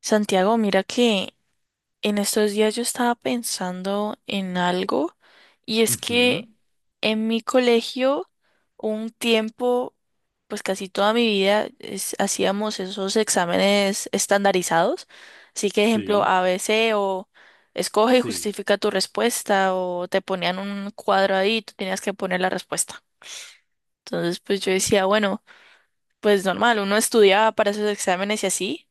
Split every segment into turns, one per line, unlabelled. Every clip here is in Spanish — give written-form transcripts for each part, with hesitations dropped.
Santiago, mira que en estos días yo estaba pensando en algo y es
Ujú,
que en mi colegio un tiempo, pues casi toda mi vida, hacíamos esos exámenes estandarizados. Así que, ejemplo,
sí,
A B C o escoge y
sí,
justifica tu respuesta o te ponían un cuadro ahí y tú tenías que poner la respuesta. Entonces, pues yo decía, bueno, pues normal, uno estudiaba para esos exámenes y así.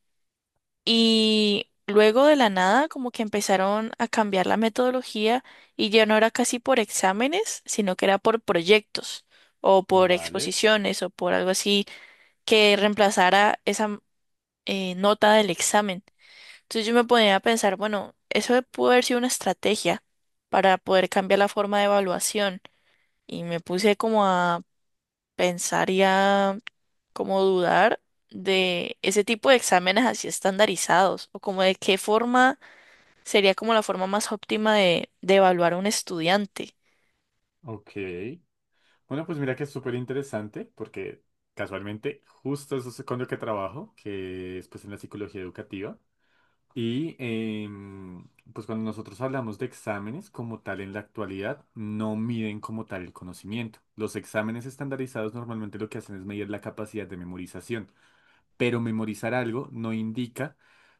Y luego de la nada, como que empezaron a cambiar la metodología y ya no era casi por exámenes, sino que era por proyectos o por
vale,
exposiciones o por algo así que reemplazara esa nota del examen. Entonces yo me ponía a pensar, bueno, eso pudo haber sido una estrategia para poder cambiar la forma de evaluación y me puse como a pensar y a como dudar de ese tipo de exámenes así estandarizados o como de qué forma sería como la forma más óptima de evaluar a un estudiante.
ok. Bueno, pues mira que es súper interesante porque casualmente justo eso es con lo que trabajo, que es pues en la psicología educativa. Y em, pues cuando nosotros hablamos de exámenes como tal en la actualidad, no miden como tal el conocimiento. Los exámenes estandarizados normalmente lo que hacen es medir la capacidad de memorización. Pero memorizar algo no indica,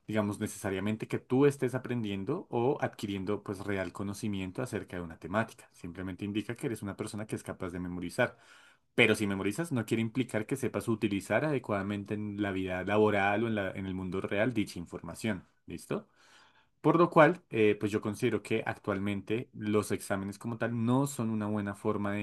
digamos, necesariamente que tú estés aprendiendo o adquiriendo pues real conocimiento acerca de una temática. Simplemente indica que eres una persona que es capaz de memorizar. Pero si memorizas, no quiere implicar que sepas utilizar adecuadamente en la vida laboral o en el mundo real dicha información. ¿Listo? Por lo cual, pues yo considero que actualmente los exámenes como tal no son una buena forma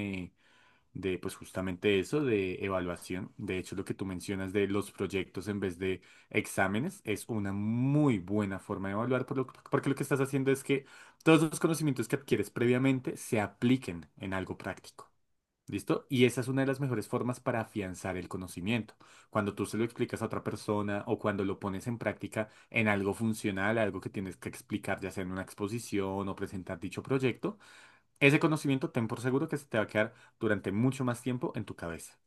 de, pues, justamente eso, de evaluación. De hecho, lo que tú mencionas de los proyectos en vez de exámenes es una muy buena forma de evaluar, porque lo que estás haciendo es que todos los conocimientos que adquieres previamente se apliquen en algo práctico. ¿Listo? Y esa es una de las mejores formas para afianzar el conocimiento. Cuando tú se lo explicas a otra persona o cuando lo pones en práctica en algo funcional, algo que tienes que explicar, ya sea en una exposición o presentar dicho proyecto, ese conocimiento ten por seguro que se te va a quedar durante mucho más tiempo en tu cabeza.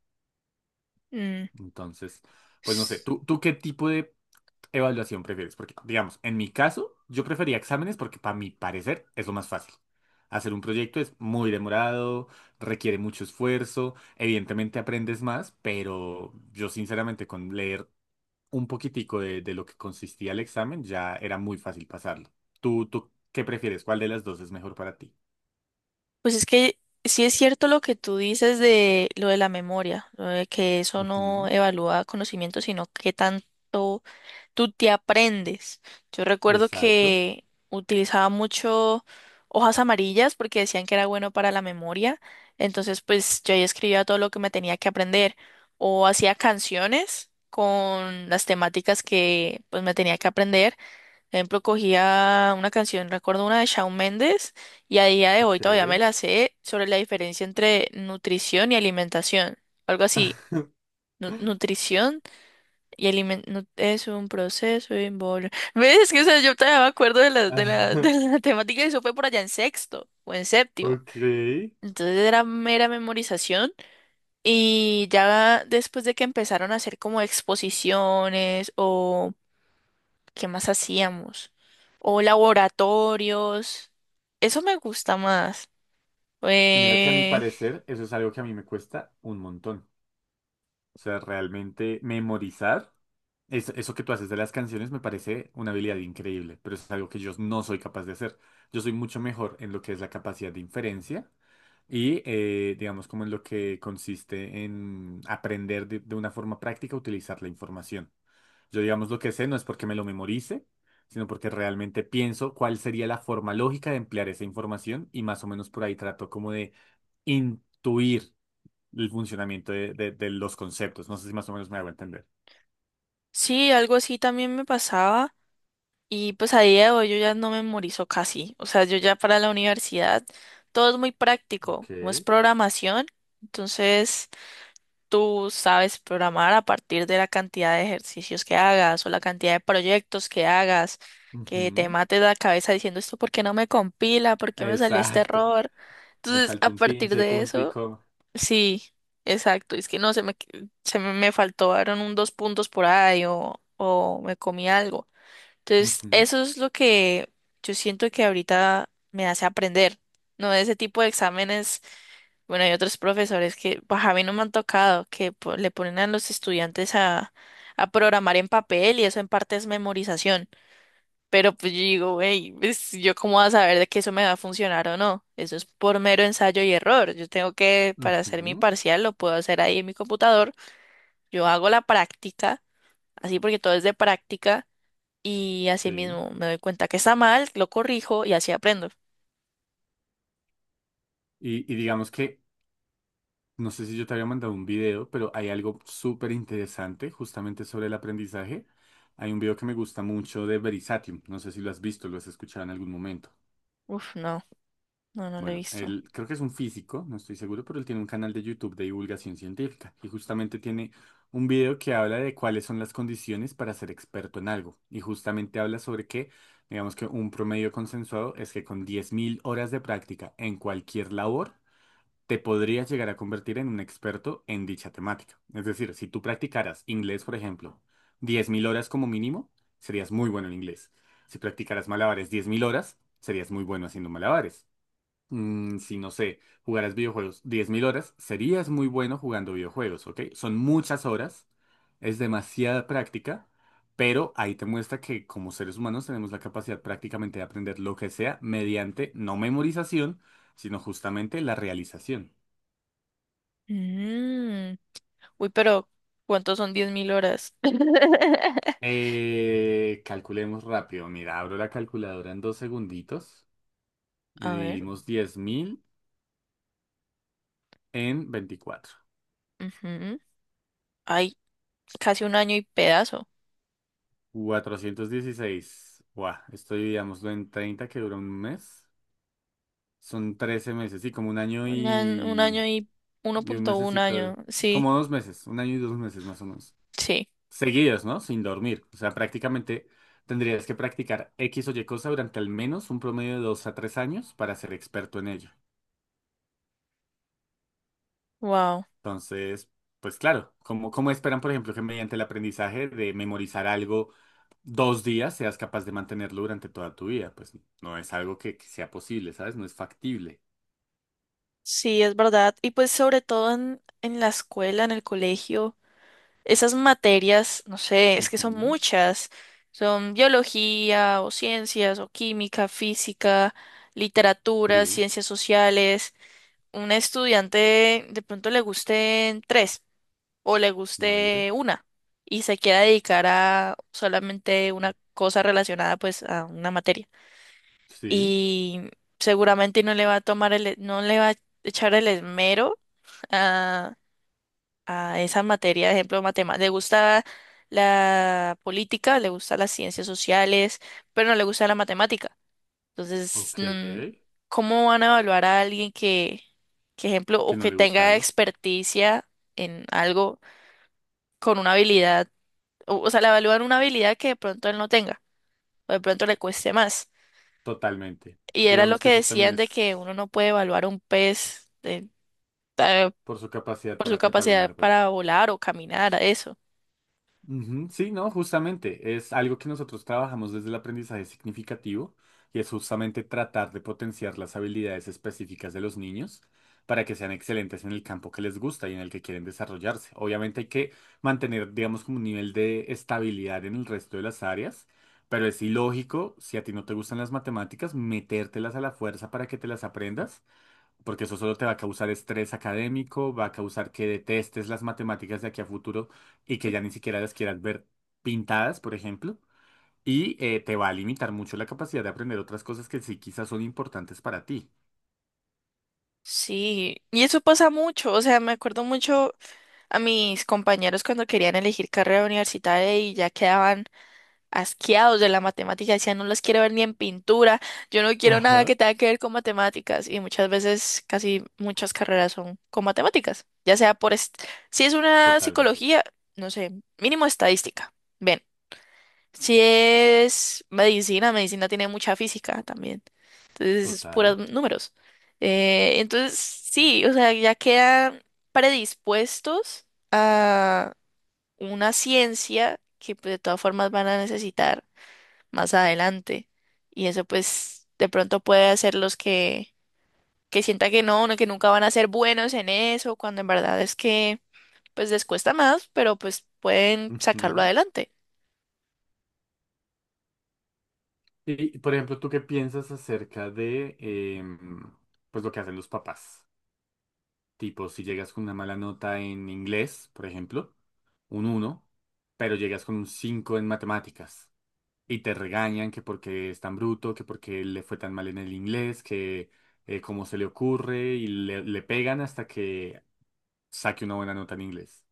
Mm,
Entonces, pues no sé,
s-
¿tú qué tipo de evaluación prefieres? Porque, digamos, en mi caso, yo prefería exámenes porque para mi parecer es lo más fácil. Hacer un proyecto es muy demorado, requiere mucho esfuerzo, evidentemente aprendes más, pero yo sinceramente con leer un poquitico de lo que consistía el examen ya era muy fácil pasarlo. ¿Tú qué prefieres? ¿Cuál de las dos es mejor para ti?
Pues es que sí es cierto lo que tú dices de lo de la memoria, lo de que eso no
Ujú,
evalúa conocimiento, sino qué tanto tú te aprendes. Yo recuerdo
exacto.
que utilizaba mucho hojas amarillas porque decían que era bueno para la memoria, entonces pues yo ahí escribía todo lo que me tenía que aprender o hacía canciones con las temáticas que pues me tenía que aprender. Ejemplo, cogía una canción, recuerdo una de Shawn Mendes, y a día de hoy
Ok.
todavía me la sé sobre la diferencia entre nutrición y alimentación. Algo así. Nutrición y alimentación es un proceso involucrado. ¿Ves? Es que, o sea, yo todavía me acuerdo de
Ah,
de la temática y eso fue por allá en sexto o en séptimo.
ok. Y
Entonces era mera memorización y ya después de que empezaron a hacer como exposiciones o ¿qué más hacíamos? O laboratorios. Eso me gusta más.
mira que a mi
Eh,
parecer eso es algo que a mí me cuesta un montón. O sea, realmente memorizar, eso que tú haces de las canciones me parece una habilidad increíble, pero es algo que yo no soy capaz de hacer. Yo soy mucho mejor en lo que es la capacidad de inferencia. Y digamos como en lo que consiste en aprender de una forma práctica a utilizar la información. Yo, digamos, lo que sé no es porque me lo memorice, sino porque realmente pienso cuál sería la forma lógica de emplear esa información y más o menos por ahí trato como de intuir el funcionamiento de, de los conceptos. No sé si más o menos me hago entender.
sí, algo así también me pasaba. Y pues a día de hoy yo ya no memorizo casi. O sea, yo ya para la universidad todo es muy
Ok.
práctico, como es programación. Entonces, tú sabes programar a partir de la cantidad de ejercicios que hagas o la cantidad de proyectos que hagas, que te
Ujú.
mates la cabeza diciendo esto porque no me compila, por qué me salió este
Exacto.
error.
Me
Entonces,
faltó
a
un
partir
pinche
de
punto y
eso,
coma.
sí, exacto. Es que no, me faltó, eran un dos puntos por ahí o me comí algo. Entonces,
Ujú,
eso es lo que yo siento que ahorita me hace aprender, ¿no? Ese tipo de exámenes, bueno, hay otros profesores que, pues a mí no me han tocado, que le ponen a los estudiantes a programar en papel y eso en parte es memorización. Pero pues yo digo, hey, ¿yo cómo voy a saber de que eso me va a funcionar o no? Eso es por mero ensayo y error. Yo tengo que, para hacer mi
ujú,
parcial, lo puedo hacer ahí en mi computador. Yo hago la práctica, así porque todo es de práctica y así
sí.
mismo me doy cuenta que está mal, lo corrijo y así aprendo.
Y digamos que no sé si yo te había mandado un video, pero hay algo súper interesante justamente sobre el aprendizaje. Hay un video que me gusta mucho de Verisatium. No sé si lo has visto, lo has escuchado en algún momento.
Uf, no, no, no lo he
Bueno,
visto.
él creo que es un físico, no estoy seguro, pero él tiene un canal de YouTube de divulgación científica y justamente tiene un video que habla de cuáles son las condiciones para ser experto en algo. Y justamente habla sobre que, digamos, que un promedio consensuado es que con 10.000 horas de práctica en cualquier labor, te podrías llegar a convertir en un experto en dicha temática. Es decir, si tú practicaras inglés, por ejemplo, 10.000 horas como mínimo, serías muy bueno en inglés. Si practicaras malabares 10.000 horas, serías muy bueno haciendo malabares. Si no sé, jugaras videojuegos 10.000 horas, serías muy bueno jugando videojuegos, ¿ok? Son muchas horas, es demasiada práctica, pero ahí te muestra que como seres humanos tenemos la capacidad prácticamente de aprender lo que sea mediante no memorización, sino justamente la realización.
Mm, Uy, pero ¿cuántos son 10.000 horas?
Calculemos rápido. Mira, abro la calculadora en dos segunditos y
A ver,
dividimos 10.000 en 24.
ujú, ay, casi un año y pedazo.
416. Buah, esto dividámoslo en 30 que dura un mes. Son 13 meses, sí, como un año
Un año
y,
y
y un
1,1 año,
mesecito.
sí,
Como 2 meses, un año y 2 meses más o menos.
sí,
Seguidos, ¿no? Sin dormir. O sea, prácticamente tendrías que practicar X o Y cosa durante al menos un promedio de 2 a 3 años para ser experto en ello.
wow.
Entonces, pues claro, ¿cómo esperan, por ejemplo, que mediante el aprendizaje de memorizar algo 2 días seas capaz de mantenerlo durante toda tu vida? Pues no es algo que sea posible, ¿sabes? No es factible.
Sí, es verdad. Y pues sobre todo en la escuela, en el colegio. Esas materias, no sé, es que son
Ujú,
muchas. Son biología o ciencias o química, física, literatura,
sí,
ciencias sociales. Un estudiante de pronto le gusten tres o le
vale.
guste una y se quiera dedicar a solamente una cosa relacionada pues a una materia.
Sí,
Y seguramente no le va a tomar el, no le va a echar el esmero a esa materia, de ejemplo, matemáticas. Le gusta la política, le gusta las ciencias sociales, pero no le gusta la matemática. Entonces,
ok. Que
¿cómo van a evaluar a alguien que ejemplo, o
no
que
le gusta
tenga
algo.
experticia en algo con una habilidad? O sea, le evalúan una habilidad que de pronto él no tenga, o de pronto le cueste más.
Totalmente.
Y era lo
Digamos que
que
eso también
decían de que
es
uno no puede evaluar a un pez eh,
por su capacidad
por su
para trepar un
capacidad
árbol.
para volar o caminar, a eso.
Ujú, sí, no, justamente es algo que nosotros trabajamos desde el aprendizaje significativo y es justamente tratar de potenciar las habilidades específicas de los niños para que sean excelentes en el campo que les gusta y en el que quieren desarrollarse. Obviamente hay que mantener, digamos, como un nivel de estabilidad en el resto de las áreas, pero es ilógico, si a ti no te gustan las matemáticas, metértelas a la fuerza para que te las aprendas porque eso solo te va a causar estrés académico, va a causar que detestes las matemáticas de aquí a futuro y que ya ni siquiera las quieras ver pintadas, por ejemplo, y te va a limitar mucho la capacidad de aprender otras cosas que sí quizás son importantes para ti.
Sí, y eso pasa mucho, o sea, me acuerdo mucho a mis compañeros cuando querían elegir carrera universitaria y ya quedaban asqueados de la matemática, decían, no las quiero ver ni en pintura, yo no quiero nada que
Ajá.
tenga que ver con matemáticas, y muchas veces casi muchas carreras son con matemáticas, ya sea por, si es una
Totalmente.
psicología, no sé, mínimo estadística. Ven. Si es medicina, medicina tiene mucha física también. Entonces, es
Total.
puros números. Entonces, sí, o sea, ya quedan predispuestos a una ciencia que pues, de todas formas van a necesitar más adelante. Y eso pues de pronto puede hacerlos que sienta que no, no, que nunca van a ser buenos en eso, cuando en verdad es que pues les cuesta más, pero pues pueden sacarlo
Ujú.
adelante.
Y, por ejemplo, ¿tú qué piensas acerca de em, pues lo que hacen los papás? Tipo, si llegas con una mala nota en inglés, por ejemplo, un uno, pero llegas con un 5 en matemáticas, y te regañan que porque es tan bruto, que porque le fue tan mal en el inglés, que cómo se le ocurre y le pegan hasta que saque una buena nota en inglés.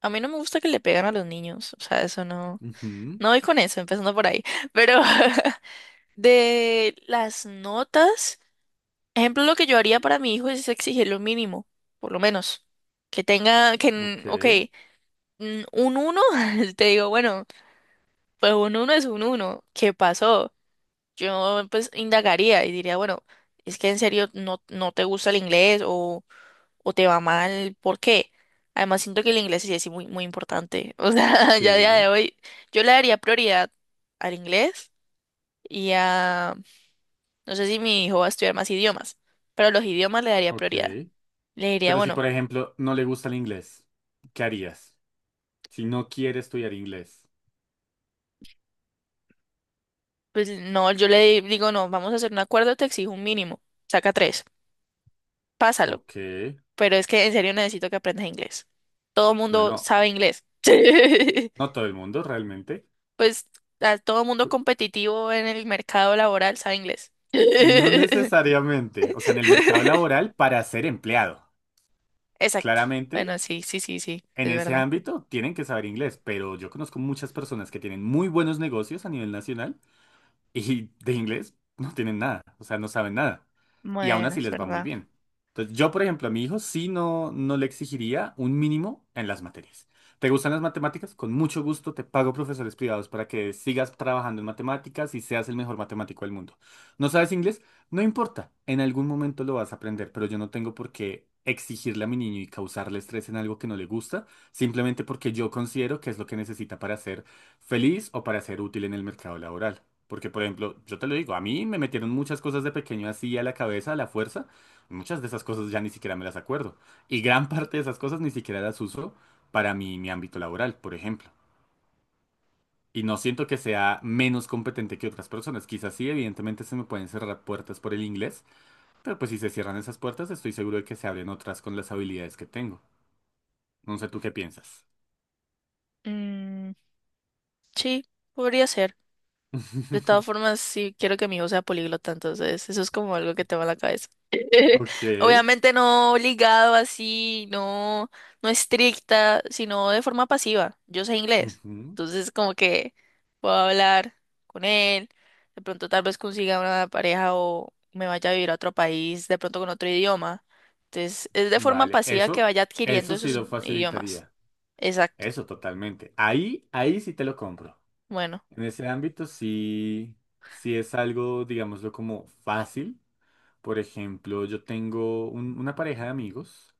A mí no me gusta que le pegan a los niños, o sea, eso no,
Ujú,
no voy con eso, empezando por ahí. Pero de las notas, ejemplo, lo que yo haría para mi hijo es exigir lo mínimo, por lo menos. Que tenga, que,
ok,
ok, un uno, te digo, bueno, pues un uno es un uno. ¿Qué pasó? Yo pues indagaría y diría, bueno, es que en serio no, no te gusta el inglés o te va mal, ¿por qué? Además, siento que el inglés sí es muy, muy importante. O sea, ya a día de
sí,
hoy, yo le daría prioridad al inglés y a, no sé si mi hijo va a estudiar más idiomas, pero a los idiomas le daría
ok.
prioridad. Le diría,
Pero si,
bueno,
por ejemplo, no le gusta el inglés, ¿qué harías? Si no quiere estudiar inglés.
pues no, yo le digo, no, vamos a hacer un acuerdo, te exijo un mínimo, saca tres, pásalo,
Ok,
pero es que en serio necesito que aprendas inglés. Todo el mundo
bueno,
sabe inglés.
no todo el mundo realmente.
Pues a todo mundo
Cu-
competitivo en el mercado laboral sabe inglés.
No necesariamente. O sea, en el mercado laboral para ser empleado.
Exacto.
Claramente.
Bueno, sí, sí, sí, sí,
En
es
ese
verdad.
ámbito tienen que saber inglés, pero yo conozco muchas personas que tienen muy buenos negocios a nivel nacional y de inglés no tienen nada, o sea, no saben nada. Y aún
Bueno,
así
es
les va muy
verdad.
bien. Entonces, yo, por ejemplo, a mi hijo sí no le exigiría un mínimo en las materias. ¿Te gustan las matemáticas? Con mucho gusto te pago profesores privados para que sigas trabajando en matemáticas y seas el mejor matemático del mundo. ¿No sabes inglés? No importa, en algún momento lo vas a aprender, pero yo no tengo por qué exigirle a mi niño y causarle estrés en algo que no le gusta, simplemente porque yo considero que es lo que necesita para ser feliz o para ser útil en el mercado laboral. Porque, por ejemplo, yo te lo digo, a mí me metieron muchas cosas de pequeño así a la cabeza, a la fuerza. Muchas de esas cosas ya ni siquiera me las acuerdo. Y gran parte de esas cosas ni siquiera las uso para mi ámbito laboral, por ejemplo. Y no siento que sea menos competente que otras personas. Quizás sí, evidentemente se me pueden cerrar puertas por el inglés, pero pues si se cierran esas puertas, estoy seguro de que se abren otras con las habilidades que tengo. No sé tú qué piensas.
Mm, sí, podría ser. De todas formas, sí quiero que mi hijo sea políglota, entonces eso es como algo que tengo en la cabeza.
Ok.
Obviamente no obligado así, no, no estricta, sino de forma pasiva. Yo sé inglés,
Ujú.
entonces como que puedo hablar con él, de pronto tal vez consiga una pareja o me vaya a vivir a otro país, de pronto con otro idioma. Entonces es de forma
Vale,
pasiva que
eso,
vaya adquiriendo
eso sí
esos
lo
idiomas.
facilitaría.
Exacto.
Eso totalmente. Ahí, ahí sí te lo compro.
Bueno,
En ese ámbito sí, sí es algo, digámoslo, como fácil. Por ejemplo, yo tengo una pareja de amigos,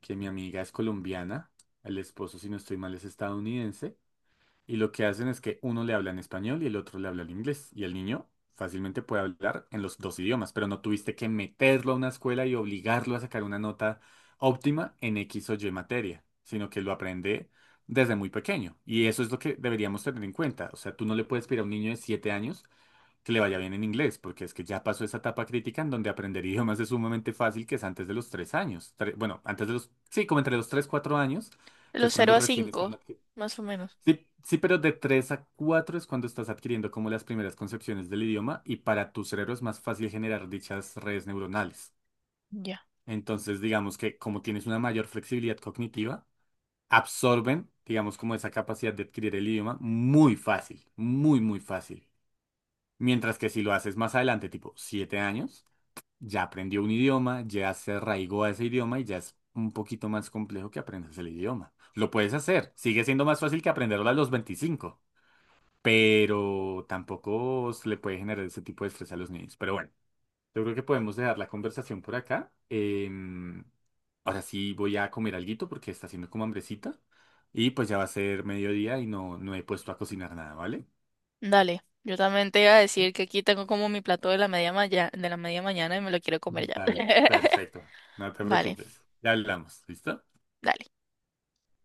que mi amiga es colombiana, el esposo, si no estoy mal, es estadounidense. Y lo que hacen es que uno le habla en español y el otro le habla en inglés. Y el niño fácilmente puede hablar en los dos idiomas, pero no tuviste que meterlo a una escuela y obligarlo a sacar una nota óptima en X o Y materia, sino que lo aprende desde muy pequeño. Y eso es lo que deberíamos tener en cuenta. O sea, tú no le puedes pedir a un niño de 7 años que le vaya bien en inglés, porque es que ya pasó esa etapa crítica en donde aprender idiomas es sumamente fácil, que es antes de los 3 años. Bueno, antes de los... Sí, como entre los 3 4 años,
de
que
los
es
cero
cuando
a
recién
5
están...
más o menos.
Sí, sí, pero de 3 a 4 es cuando estás adquiriendo como las primeras concepciones del idioma y para tu cerebro es más fácil generar dichas redes neuronales.
Ya.
Entonces, digamos que como tienes una mayor flexibilidad cognitiva, absorben, digamos, como esa capacidad de adquirir el idioma muy fácil, muy, muy fácil. Mientras que si lo haces más adelante, tipo 7 años, ya aprendió un idioma, ya se arraigó a ese idioma y ya es un poquito más complejo que aprendas el idioma. Lo puedes hacer, sigue siendo más fácil que aprenderlo a los 25, pero tampoco se le puede generar ese tipo de estrés a los niños. Pero bueno, yo creo que podemos dejar la conversación por acá. Ahora sí voy a comer alguito porque está haciendo como hambrecita. Y pues ya va a ser mediodía y no he puesto a cocinar nada, ¿vale?
Dale, yo también te iba a decir que aquí tengo como mi plato de la media, de la media mañana y me lo quiero comer ya.
Dale, perfecto. No te
Vale,
preocupes. Ya hablamos, ¿listo?
dale.